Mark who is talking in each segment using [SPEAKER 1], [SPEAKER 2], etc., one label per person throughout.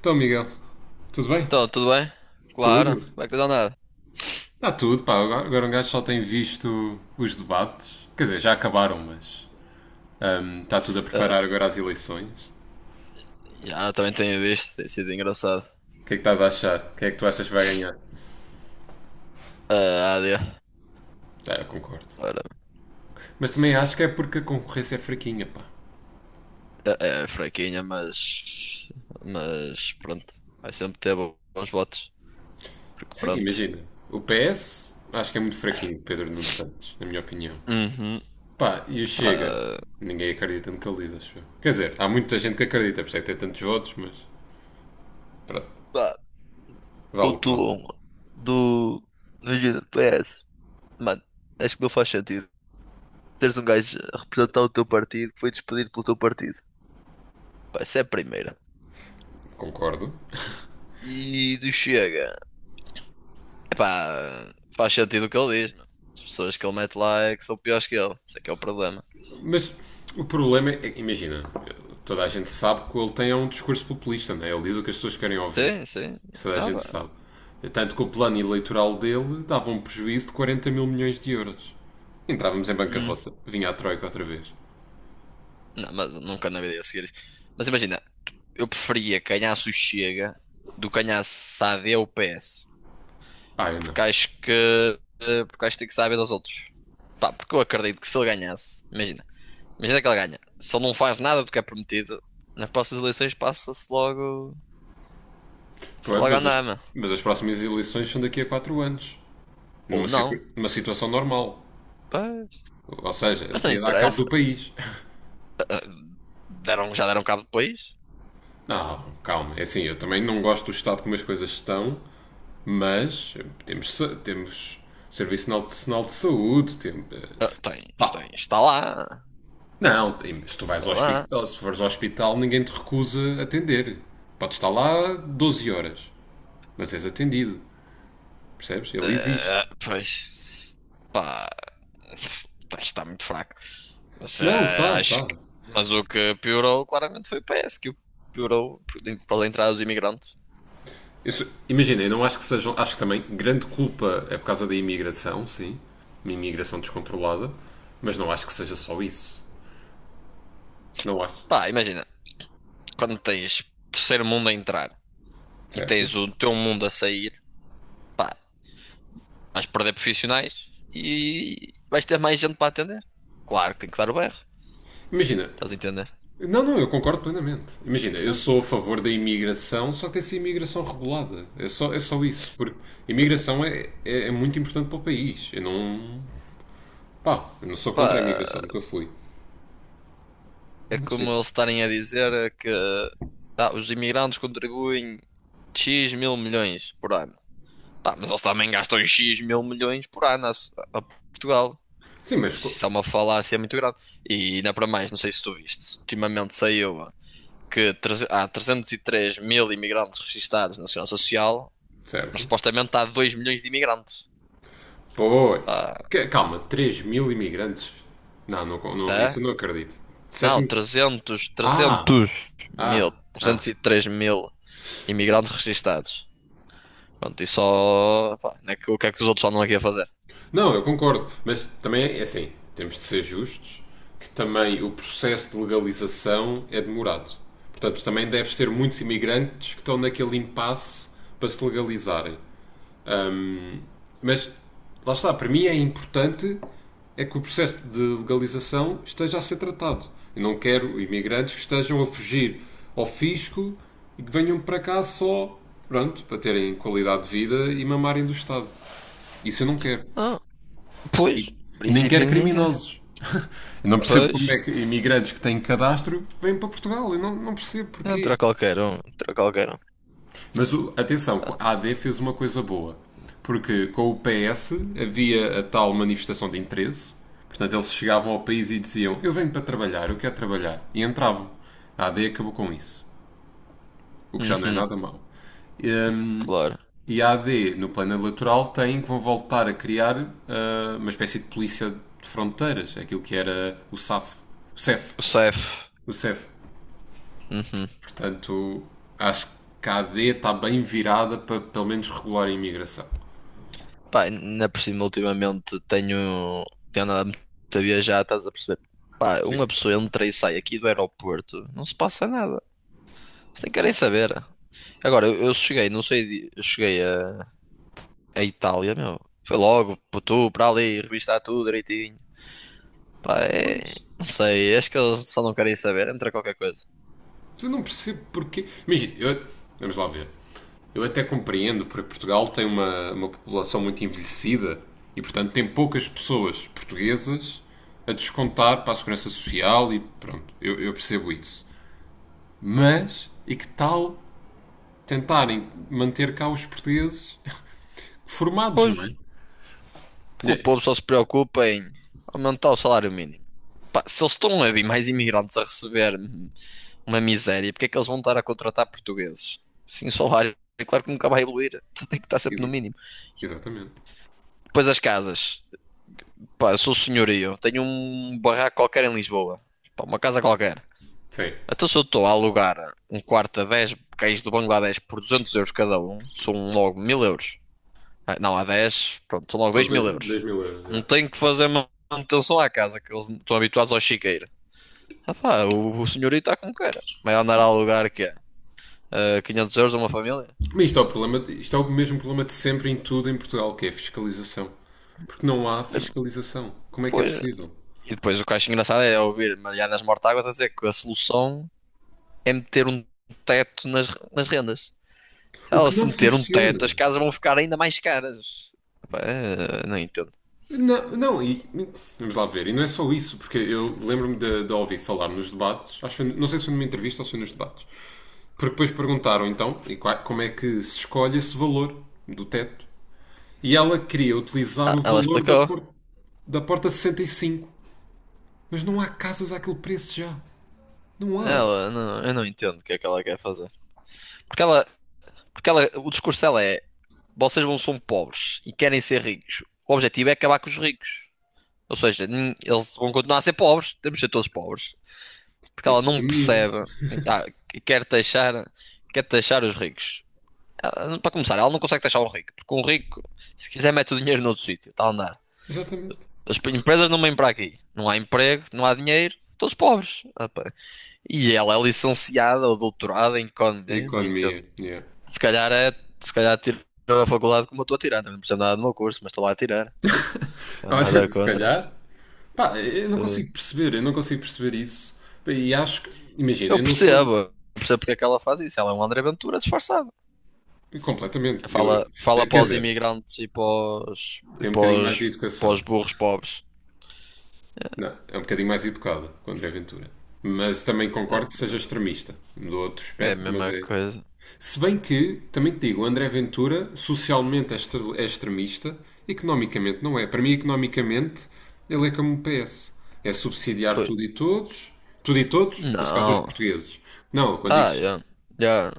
[SPEAKER 1] Então, Miguel, tudo bem?
[SPEAKER 2] Então, tudo bem? Claro,
[SPEAKER 1] Tudo?
[SPEAKER 2] como é que tens andado?
[SPEAKER 1] Está tudo, pá. Agora um gajo só tem visto os debates. Quer dizer, já acabaram, mas está tudo a
[SPEAKER 2] Ah,
[SPEAKER 1] preparar agora as eleições.
[SPEAKER 2] já, também tenho visto, tem sido engraçado.
[SPEAKER 1] O que é que estás a achar? Quem é que tu achas que vai ganhar?
[SPEAKER 2] Ah, a AD,
[SPEAKER 1] Ah, eu concordo.
[SPEAKER 2] claro,
[SPEAKER 1] Mas também acho que é porque a concorrência é fraquinha, pá.
[SPEAKER 2] é, é fraquinha, mas pronto, vai sempre ter bons votos, porque
[SPEAKER 1] Sim,
[SPEAKER 2] pronto.
[SPEAKER 1] imagina. O PS acho que é muito fraquinho, Pedro Nuno Santos, na minha opinião.
[SPEAKER 2] Uhum,
[SPEAKER 1] Pá, e o
[SPEAKER 2] pá,
[SPEAKER 1] Chega? Ninguém acredita no que ele diz, acho eu. Quer dizer, há muita gente que acredita, por isso é que tem tantos votos, mas pronto,
[SPEAKER 2] Pá,
[SPEAKER 1] vale
[SPEAKER 2] o
[SPEAKER 1] o que vale.
[SPEAKER 2] Tulum do. Imagina, do PS. Mano, acho que não faz sentido teres um gajo a representar o teu partido que foi despedido pelo teu partido. Pá, isso é a primeira.
[SPEAKER 1] Concordo.
[SPEAKER 2] E do Chega. Epá, faz sentido o que ele diz, meu. As pessoas que ele mete lá é que são piores que ele. Isso é que é o problema.
[SPEAKER 1] Mas o problema é, imagina, toda a gente sabe que o ele tem é um discurso populista, não é? Ele diz o que as pessoas querem ouvir.
[SPEAKER 2] Sim, sim.
[SPEAKER 1] Isso toda a
[SPEAKER 2] Ah,
[SPEAKER 1] gente
[SPEAKER 2] pá.
[SPEAKER 1] sabe. Tanto que o plano eleitoral dele dava um prejuízo de 40 mil milhões de euros. Entrávamos em
[SPEAKER 2] Hum.
[SPEAKER 1] bancarrota. Vinha a Troika outra vez.
[SPEAKER 2] Não, mas nunca na vida ia seguir isso. Mas imagina, eu preferia que ganhasse o Chega do que ganhasse a AD ou o PS.
[SPEAKER 1] Ah, eu não.
[SPEAKER 2] Porque acho que. Porque acho que tem que saber dos outros. Pá, porque eu acredito que se ele ganhasse, imagina, imagina que ele ganha. Se ele não faz nada do que é prometido, nas próximas eleições passa-se logo. Passa
[SPEAKER 1] Pronto,
[SPEAKER 2] logo a andar, meu.
[SPEAKER 1] mas as próximas eleições são daqui a 4 anos.
[SPEAKER 2] Ou
[SPEAKER 1] Numa, circu-
[SPEAKER 2] não.
[SPEAKER 1] numa situação normal.
[SPEAKER 2] Pá,
[SPEAKER 1] Ou seja, ele
[SPEAKER 2] mas não
[SPEAKER 1] podia dar cabo
[SPEAKER 2] interessa.
[SPEAKER 1] do país.
[SPEAKER 2] Ah, deram, já deram cabo depois?
[SPEAKER 1] Não, calma. É assim, eu também não gosto do estado como as coisas estão. Mas temos Serviço Nacional de Saúde,
[SPEAKER 2] Ah,
[SPEAKER 1] pá, não, se tu vais ao
[SPEAKER 2] está lá.
[SPEAKER 1] hospital, se fores ao hospital, ninguém te recusa atender. Podes estar lá 12 horas, mas és atendido, percebes? Ele
[SPEAKER 2] Ah,
[SPEAKER 1] existe.
[SPEAKER 2] pois, pá, está muito fraco. Mas
[SPEAKER 1] Não,
[SPEAKER 2] ah,
[SPEAKER 1] tá,
[SPEAKER 2] acho
[SPEAKER 1] tá.
[SPEAKER 2] que, mas o que piorou claramente foi o PS, que o piorou para entrar os imigrantes.
[SPEAKER 1] Imagina, eu não acho que sejam, acho que também grande culpa é por causa da imigração, sim, uma imigração descontrolada, mas não acho que seja só isso. Não acho.
[SPEAKER 2] Pá, imagina, quando tens terceiro mundo a entrar e
[SPEAKER 1] Certo?
[SPEAKER 2] tens o teu mundo a sair, pá, vais perder profissionais e vais ter mais gente para atender. Claro que tem que dar o berro,
[SPEAKER 1] Imagina,
[SPEAKER 2] estás a entender?
[SPEAKER 1] não, não, eu concordo plenamente. Imagina, eu
[SPEAKER 2] Então,
[SPEAKER 1] sou a favor da imigração, só que tem que ser imigração regulada. É só isso. Porque a imigração é muito importante para o país. Eu não. Pá, eu não sou contra a imigração,
[SPEAKER 2] pá,
[SPEAKER 1] nunca fui.
[SPEAKER 2] é
[SPEAKER 1] Mas sim.
[SPEAKER 2] como eles estarem a dizer é que tá, os imigrantes contribuem X mil milhões por ano. Tá, mas eles também gastam X mil milhões por ano a Portugal.
[SPEAKER 1] Sim, mas.
[SPEAKER 2] Isso é uma falácia muito grave. E ainda para mais, não sei se tu viste, ultimamente saiu que há 303 mil imigrantes registados na Segurança Social, mas
[SPEAKER 1] Certo.
[SPEAKER 2] supostamente há 2 milhões de imigrantes.
[SPEAKER 1] Pois.
[SPEAKER 2] Pá,
[SPEAKER 1] Calma, 3 mil imigrantes? Não, não, não,
[SPEAKER 2] é?
[SPEAKER 1] isso eu não acredito.
[SPEAKER 2] Não,
[SPEAKER 1] Disseste-me.
[SPEAKER 2] 300,
[SPEAKER 1] Ah!
[SPEAKER 2] 300
[SPEAKER 1] Ah!
[SPEAKER 2] mil,
[SPEAKER 1] Ah!
[SPEAKER 2] 303 mil imigrantes registados. Pronto, e só. Pá, não é que, o que é que os outros andam aqui a fazer?
[SPEAKER 1] Não, eu concordo, mas também é assim, temos de ser justos que também o processo de legalização é demorado. Portanto, também deves ter muitos imigrantes que estão naquele impasse para se legalizarem. Mas lá está, para mim é importante é que o processo de legalização esteja a ser tratado. Eu não quero imigrantes que estejam a fugir ao fisco e que venham para cá só, pronto, para terem qualidade de vida e mamarem do Estado. Isso eu não quero.
[SPEAKER 2] Ah, pois,
[SPEAKER 1] E,
[SPEAKER 2] em
[SPEAKER 1] e nem
[SPEAKER 2] princípio
[SPEAKER 1] quer
[SPEAKER 2] ninguém quer.
[SPEAKER 1] criminosos. Eu não percebo como é
[SPEAKER 2] Pois,
[SPEAKER 1] que imigrantes que têm cadastro vêm para Portugal. Eu não, não percebo porquê.
[SPEAKER 2] entra qualquer um, entra qualquer um.
[SPEAKER 1] Mas atenção, a AD fez uma coisa boa. Porque com o PS havia a tal manifestação de interesse. Portanto, eles chegavam ao país e diziam: eu venho para trabalhar, eu quero trabalhar. E entravam. A AD acabou com isso. O que já não é
[SPEAKER 2] Uhum,
[SPEAKER 1] nada mau. Hum,
[SPEAKER 2] claro.
[SPEAKER 1] E a AD, no plano eleitoral, tem que vão voltar a criar uma espécie de polícia de fronteiras. É aquilo que era o SAF. O CEF.
[SPEAKER 2] O CEF.
[SPEAKER 1] O CEF.
[SPEAKER 2] Uhum.
[SPEAKER 1] Portanto, acho que a AD está bem virada para pelo menos regular a imigração.
[SPEAKER 2] Pá, ainda por cima, ultimamente tenho. Tenho andado muito a viajar, estás a perceber? Pá, uma
[SPEAKER 1] Sim.
[SPEAKER 2] pessoa entra e sai aqui do aeroporto, não se passa nada. Vocês nem querem saber. Agora, eu cheguei, não sei, eu cheguei a Itália, meu. Foi logo, para tu, para ali, revistar tudo direitinho. Pá, é...
[SPEAKER 1] Mas
[SPEAKER 2] Não sei, acho que eles só não querem saber, entra qualquer coisa.
[SPEAKER 1] eu não percebo porquê. Imagina, vamos lá ver. Eu até compreendo, porque Portugal tem uma população muito envelhecida e, portanto, tem poucas pessoas portuguesas a descontar para a segurança social e pronto, eu percebo isso. Mas, e que tal tentarem manter cá os portugueses formados,
[SPEAKER 2] Pois,
[SPEAKER 1] não é?
[SPEAKER 2] porque o
[SPEAKER 1] É,
[SPEAKER 2] povo só se preocupa em aumentar o salário mínimo. Pá, se eles estão a vir mais imigrantes a receber uma miséria, porque é que eles vão estar a contratar portugueses? Sim, o salário, é claro que nunca vai evoluir, tem que estar
[SPEAKER 1] Ex-
[SPEAKER 2] sempre no mínimo.
[SPEAKER 1] exatamente.
[SPEAKER 2] Depois as casas. Pá, eu sou senhorio, tenho um barraco qualquer em Lisboa. Pá, uma casa qualquer.
[SPEAKER 1] Sim.
[SPEAKER 2] Então se eu estou a alugar um quarto a 10, cães do Bangladesh por 200 euros cada um, são logo 1.000 euros. Ah, não, há 10 pronto, são logo
[SPEAKER 1] São
[SPEAKER 2] 2.000 euros.
[SPEAKER 1] 2 mil euros. É.
[SPEAKER 2] Não tenho que fazer manutenção à casa, que eles estão habituados ao chiqueiro. Ah pá, o senhorito está como queira. Vai andar a alugar que é? Quinhentos euros a uma família?
[SPEAKER 1] Mas isto é, o problema, isto é o mesmo problema de sempre em tudo em Portugal, que é a fiscalização. Porque não há fiscalização. Como é que é
[SPEAKER 2] Pois.
[SPEAKER 1] possível?
[SPEAKER 2] E depois o que eu acho engraçado é ouvir Marianas Mortáguas a dizer que a solução é meter um teto nas rendas.
[SPEAKER 1] O
[SPEAKER 2] Ela
[SPEAKER 1] que
[SPEAKER 2] se
[SPEAKER 1] não
[SPEAKER 2] meter um teto, as
[SPEAKER 1] funciona.
[SPEAKER 2] casas vão ficar ainda mais caras. Pá, não entendo.
[SPEAKER 1] Não, é? Não, e vamos lá ver, e não é só isso, porque eu lembro-me de ouvir falar nos debates, acho que não sei se foi numa entrevista ou se foi nos debates, porque depois perguntaram então e como é que se escolhe esse valor do teto. E ela queria utilizar
[SPEAKER 2] Ah,
[SPEAKER 1] o
[SPEAKER 2] ela
[SPEAKER 1] valor
[SPEAKER 2] explicou.
[SPEAKER 1] da porta 65. Mas não há casas àquele preço já. Não há.
[SPEAKER 2] Ela, não, eu não entendo o que é que ela quer fazer. Porque ela, Porque ela, o discurso dela é: vocês não são pobres e querem ser ricos. O objetivo é acabar com os ricos. Ou seja, eles vão continuar a ser pobres, temos de ser todos pobres. Porque ela
[SPEAKER 1] Isso é o
[SPEAKER 2] não
[SPEAKER 1] comunismo.
[SPEAKER 2] percebe, ah, quer taxar, quer taxar os ricos. Ah, para começar, ela não consegue taxar o rico, porque um rico, se quiser, mete o dinheiro noutro sítio, está a andar.
[SPEAKER 1] Exatamente.
[SPEAKER 2] Empresas não vêm para aqui. Não há emprego, não há dinheiro, todos pobres. Ah, pá. E ela é licenciada ou doutorada em
[SPEAKER 1] A
[SPEAKER 2] economia, não entendo.
[SPEAKER 1] economia. Yeah.
[SPEAKER 2] Se calhar é, Se calhar tiro a faculdade como eu estou a tirar, também não percebo nada do meu curso, mas estou lá a tirar. Pá,
[SPEAKER 1] Olha,
[SPEAKER 2] nada
[SPEAKER 1] se
[SPEAKER 2] contra.
[SPEAKER 1] calhar. Pá, eu não
[SPEAKER 2] Eh,
[SPEAKER 1] consigo perceber. Eu não consigo perceber isso. E acho que. Imagina,
[SPEAKER 2] Eu
[SPEAKER 1] eu não sou.
[SPEAKER 2] percebo, eu percebo porque é que ela faz isso. Ela é um André Ventura disfarçado. Que
[SPEAKER 1] Completamente. Eu,
[SPEAKER 2] fala, fala
[SPEAKER 1] quer
[SPEAKER 2] para os
[SPEAKER 1] dizer,
[SPEAKER 2] imigrantes
[SPEAKER 1] tenho um bocadinho mais de
[SPEAKER 2] os, para
[SPEAKER 1] educação.
[SPEAKER 2] os burros pobres.
[SPEAKER 1] Não, é um bocadinho mais educada que o André Ventura. Mas também
[SPEAKER 2] Eh,
[SPEAKER 1] concordo que seja extremista. Do outro
[SPEAKER 2] é a
[SPEAKER 1] espectro, mas
[SPEAKER 2] mesma
[SPEAKER 1] é.
[SPEAKER 2] coisa.
[SPEAKER 1] Se bem que, também te digo, o André Ventura socialmente é extremista, economicamente não é. Para mim, economicamente, ele é como o PS. É subsidiar
[SPEAKER 2] Pois.
[SPEAKER 1] tudo e todos, neste caso os
[SPEAKER 2] Não.
[SPEAKER 1] portugueses. Não, quando digo.
[SPEAKER 2] Ah, eu, eu-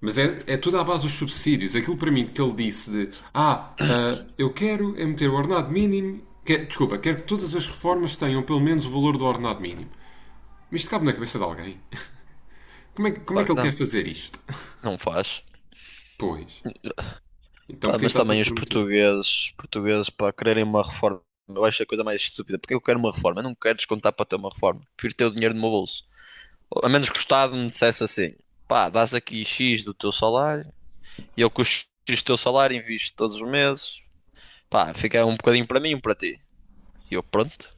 [SPEAKER 1] Mas é tudo à base dos subsídios. Aquilo para mim que ele disse de eu quero é meter o ordenado mínimo. Desculpa, quero que todas as reformas tenham pelo menos o valor do ordenado mínimo. Mas isto cabe na cabeça de alguém. Como é como é
[SPEAKER 2] Claro
[SPEAKER 1] que
[SPEAKER 2] que
[SPEAKER 1] ele quer
[SPEAKER 2] não.
[SPEAKER 1] fazer isto?
[SPEAKER 2] Não faz.
[SPEAKER 1] Pois. Então
[SPEAKER 2] Pá,
[SPEAKER 1] porquê
[SPEAKER 2] mas
[SPEAKER 1] estás a
[SPEAKER 2] também os
[SPEAKER 1] prometer?
[SPEAKER 2] portugueses, portugueses para quererem uma reforma, eu acho a coisa mais estúpida. Porque eu quero uma reforma, eu não quero descontar para ter uma reforma. Prefiro ter o dinheiro no meu bolso. A menos que o Estado me dissesse assim: pá, dás aqui X do teu salário e eu com o X do teu salário invisto todos os meses, pá, fica um bocadinho para mim, e um para ti. E eu, pronto,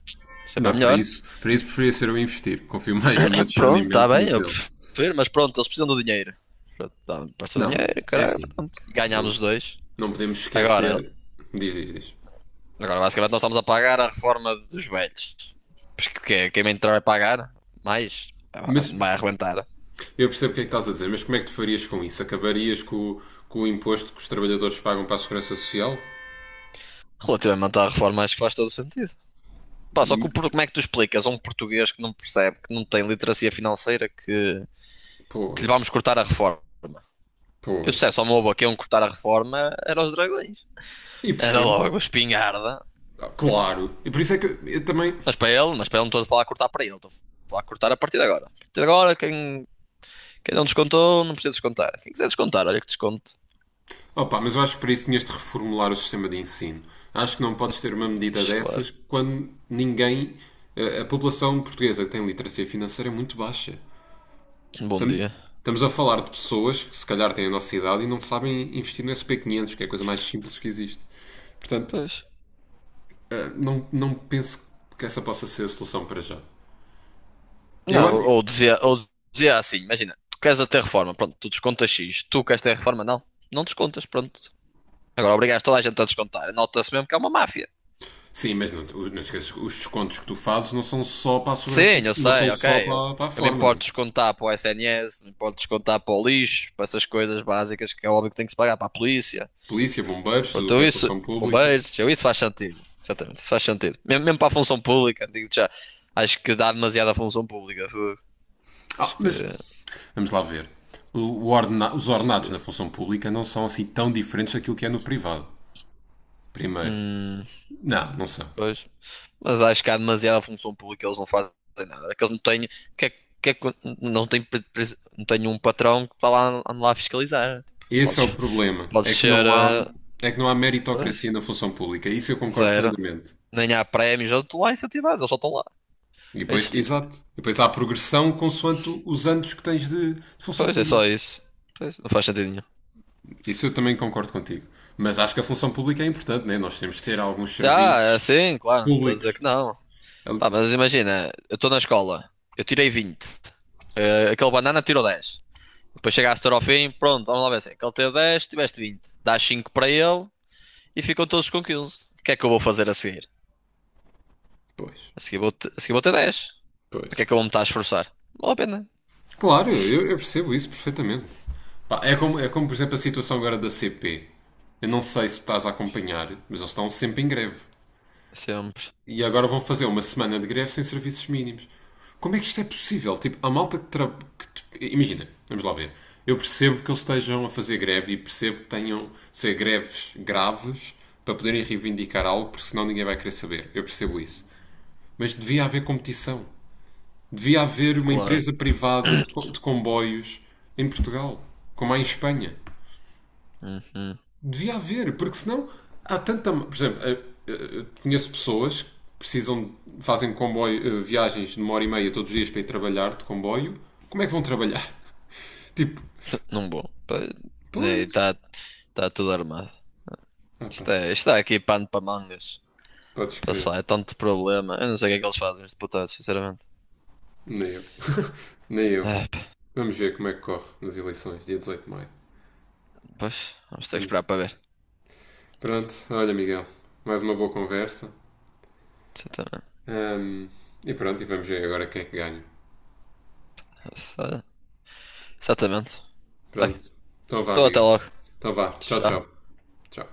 [SPEAKER 2] sempre é
[SPEAKER 1] Não,
[SPEAKER 2] melhor.
[SPEAKER 1] para isso preferia ser eu a investir. Confio mais no meu
[SPEAKER 2] Pronto, está
[SPEAKER 1] discernimento do
[SPEAKER 2] bem,
[SPEAKER 1] que
[SPEAKER 2] eu
[SPEAKER 1] dele.
[SPEAKER 2] prefiro, mas pronto, eles precisam do dinheiro. Pronto, dá-me para o seu
[SPEAKER 1] Não,
[SPEAKER 2] dinheiro,
[SPEAKER 1] é
[SPEAKER 2] caralho,
[SPEAKER 1] assim.
[SPEAKER 2] pronto. E ganhámos
[SPEAKER 1] Não,
[SPEAKER 2] os dois.
[SPEAKER 1] não podemos
[SPEAKER 2] Agora,
[SPEAKER 1] esquecer. Diz, diz, diz.
[SPEAKER 2] Agora, basicamente, nós estamos a pagar a reforma dos velhos. Porque quem entrar vai pagar, mais
[SPEAKER 1] Mas
[SPEAKER 2] vai arrebentar.
[SPEAKER 1] eu percebo o que é que estás a dizer, mas como é que tu farias com isso? Acabarias com com o imposto que os trabalhadores pagam para a segurança social?
[SPEAKER 2] Relativamente à reforma, acho que faz todo o sentido. Pá, só que o como é que tu explicas a um português que não percebe, que não tem literacia financeira, que lhe
[SPEAKER 1] Pois,
[SPEAKER 2] vamos cortar a reforma? Eu se
[SPEAKER 1] pois.
[SPEAKER 2] dissesse ao meu avô que iam cortar a reforma, era os dragões.
[SPEAKER 1] E
[SPEAKER 2] Era
[SPEAKER 1] percebo.
[SPEAKER 2] logo a espingarda.
[SPEAKER 1] Ah, claro. E por isso é que eu também.
[SPEAKER 2] Mas para ele não estou a falar a cortar para ele, estou a falar a cortar a partir de agora. A partir de agora, quem não descontou, não precisa descontar. Quem quiser descontar, olha que desconto.
[SPEAKER 1] Opa, mas eu acho que para isso tinhas de reformular o sistema de ensino. Acho que não podes ter uma medida
[SPEAKER 2] Claro.
[SPEAKER 1] dessas quando ninguém. A população portuguesa que tem literacia financeira é muito baixa.
[SPEAKER 2] Bom
[SPEAKER 1] Tam-
[SPEAKER 2] dia.
[SPEAKER 1] Estamos a falar de pessoas que se calhar têm a nossa idade e não sabem investir no SP500, que é a coisa mais simples que existe. Portanto,
[SPEAKER 2] Pois.
[SPEAKER 1] não penso que essa possa ser a solução para já. Eu
[SPEAKER 2] Não,
[SPEAKER 1] acho.
[SPEAKER 2] ou dizia assim, imagina, tu queres a reforma, pronto, tu descontas X, tu queres ter reforma, não, não descontas, pronto. Agora obrigas toda a gente a descontar, nota-se mesmo que é uma máfia.
[SPEAKER 1] Sim, mas não, não esqueças que os descontos que tu fazes não são só para a segurança,
[SPEAKER 2] Sim, eu
[SPEAKER 1] não são
[SPEAKER 2] sei, ok,
[SPEAKER 1] só
[SPEAKER 2] eu,
[SPEAKER 1] para, para a
[SPEAKER 2] eu me
[SPEAKER 1] forma, não
[SPEAKER 2] importo
[SPEAKER 1] é?
[SPEAKER 2] de descontar para o SNS, me importo de descontar para o lixo, para essas coisas básicas que é óbvio que tem que se pagar para a polícia.
[SPEAKER 1] Polícia, bombeiros, tudo
[SPEAKER 2] Pronto,
[SPEAKER 1] o que
[SPEAKER 2] eu
[SPEAKER 1] é
[SPEAKER 2] isso,
[SPEAKER 1] função pública.
[SPEAKER 2] bombeiros, eu isso faz sentido, exatamente, isso faz sentido. Mesmo, mesmo para a função pública, digo já, acho que dá demasiada função pública, fogo.
[SPEAKER 1] Ah, mas
[SPEAKER 2] Acho
[SPEAKER 1] vamos lá ver. Os
[SPEAKER 2] que,
[SPEAKER 1] ordenados na função pública não são assim tão diferentes daquilo que é no privado. Primeiro.
[SPEAKER 2] hum,
[SPEAKER 1] Não, não são.
[SPEAKER 2] pois. Mas acho que há demasiada função pública, eles não fazem nada. Que eles não têm, que é- que é que- Não têm, não têm um patrão que está lá, anda lá a fiscalizar. Tipo,
[SPEAKER 1] Esse é o problema.
[SPEAKER 2] podes ser,
[SPEAKER 1] É que não há meritocracia
[SPEAKER 2] pois,
[SPEAKER 1] na função pública. Isso eu concordo
[SPEAKER 2] zero.
[SPEAKER 1] plenamente.
[SPEAKER 2] Nem há prémios, eu estou lá incentivados, eles só estão lá
[SPEAKER 1] E
[SPEAKER 2] a
[SPEAKER 1] depois,
[SPEAKER 2] existir.
[SPEAKER 1] exato. E depois há progressão consoante os anos que tens de função
[SPEAKER 2] Pois, é só
[SPEAKER 1] pública.
[SPEAKER 2] isso. Pois, não faz sentido nenhum.
[SPEAKER 1] Isso eu também concordo contigo. Mas acho que a função pública é importante, né? Nós temos de ter alguns
[SPEAKER 2] Ah, é
[SPEAKER 1] serviços
[SPEAKER 2] assim, claro, não estou a dizer
[SPEAKER 1] públicos.
[SPEAKER 2] que não.
[SPEAKER 1] Ali-
[SPEAKER 2] Pá, mas imagina, eu estou na escola, eu tirei 20, eh, aquele banana tirou dez. Depois chegaste ao fim, pronto, vamos lá ver assim. Aquele teve 10, tiveste 20. Dás 5 para ele, e ficam todos com 15. O que é que eu vou fazer a seguir?
[SPEAKER 1] Pois,
[SPEAKER 2] A seguir vou, ter dez.
[SPEAKER 1] pois.
[SPEAKER 2] Para que é que eu vou me estar a esforçar? Não vale a pena.
[SPEAKER 1] Claro, eu percebo isso perfeitamente. Pá, é como, por exemplo, a situação agora da CP. Eu não sei se estás a acompanhar, mas eles estão sempre em greve.
[SPEAKER 2] Sempre,
[SPEAKER 1] E agora vão fazer uma semana de greve sem serviços mínimos. Como é que isto é possível? Tipo, a malta que, tra... que t- imagina, vamos lá ver. Eu percebo que eles estejam a fazer greve e percebo que tenham de ser greves graves para poderem reivindicar algo, porque senão ninguém vai querer saber. Eu percebo isso. Mas devia haver competição. Devia haver uma
[SPEAKER 2] claro.
[SPEAKER 1] empresa privada de comboios em Portugal, como há em Espanha.
[SPEAKER 2] Uhum.
[SPEAKER 1] Devia haver, porque senão há tanta. Por exemplo, conheço pessoas que precisam, fazem comboio, viagens de uma hora e meia todos os dias para ir trabalhar de comboio. Como é que vão trabalhar? Tipo,
[SPEAKER 2] Não vou.
[SPEAKER 1] pois.
[SPEAKER 2] Está tá tudo armado.
[SPEAKER 1] Ah, pá,
[SPEAKER 2] Isto é aqui pano para mangas.
[SPEAKER 1] podes
[SPEAKER 2] Posso
[SPEAKER 1] crer.
[SPEAKER 2] falar, é tanto problema. Eu não sei o que é que eles fazem, os deputados, sinceramente.
[SPEAKER 1] Nem eu. Nem eu.
[SPEAKER 2] É, pá,
[SPEAKER 1] Vamos ver como é que corre nas eleições, dia 18 de maio.
[SPEAKER 2] pois, vamos ter que
[SPEAKER 1] Hum.
[SPEAKER 2] esperar para ver.
[SPEAKER 1] Pronto, olha, Miguel, mais uma boa conversa.
[SPEAKER 2] Exatamente.
[SPEAKER 1] Hum, e pronto, e vamos ver agora quem é que ganha.
[SPEAKER 2] Exatamente. Bem,
[SPEAKER 1] Pronto. Então vá,
[SPEAKER 2] então até
[SPEAKER 1] amiga.
[SPEAKER 2] logo.
[SPEAKER 1] Então vá. Tchau, tchau.
[SPEAKER 2] Tchau.
[SPEAKER 1] Tchau.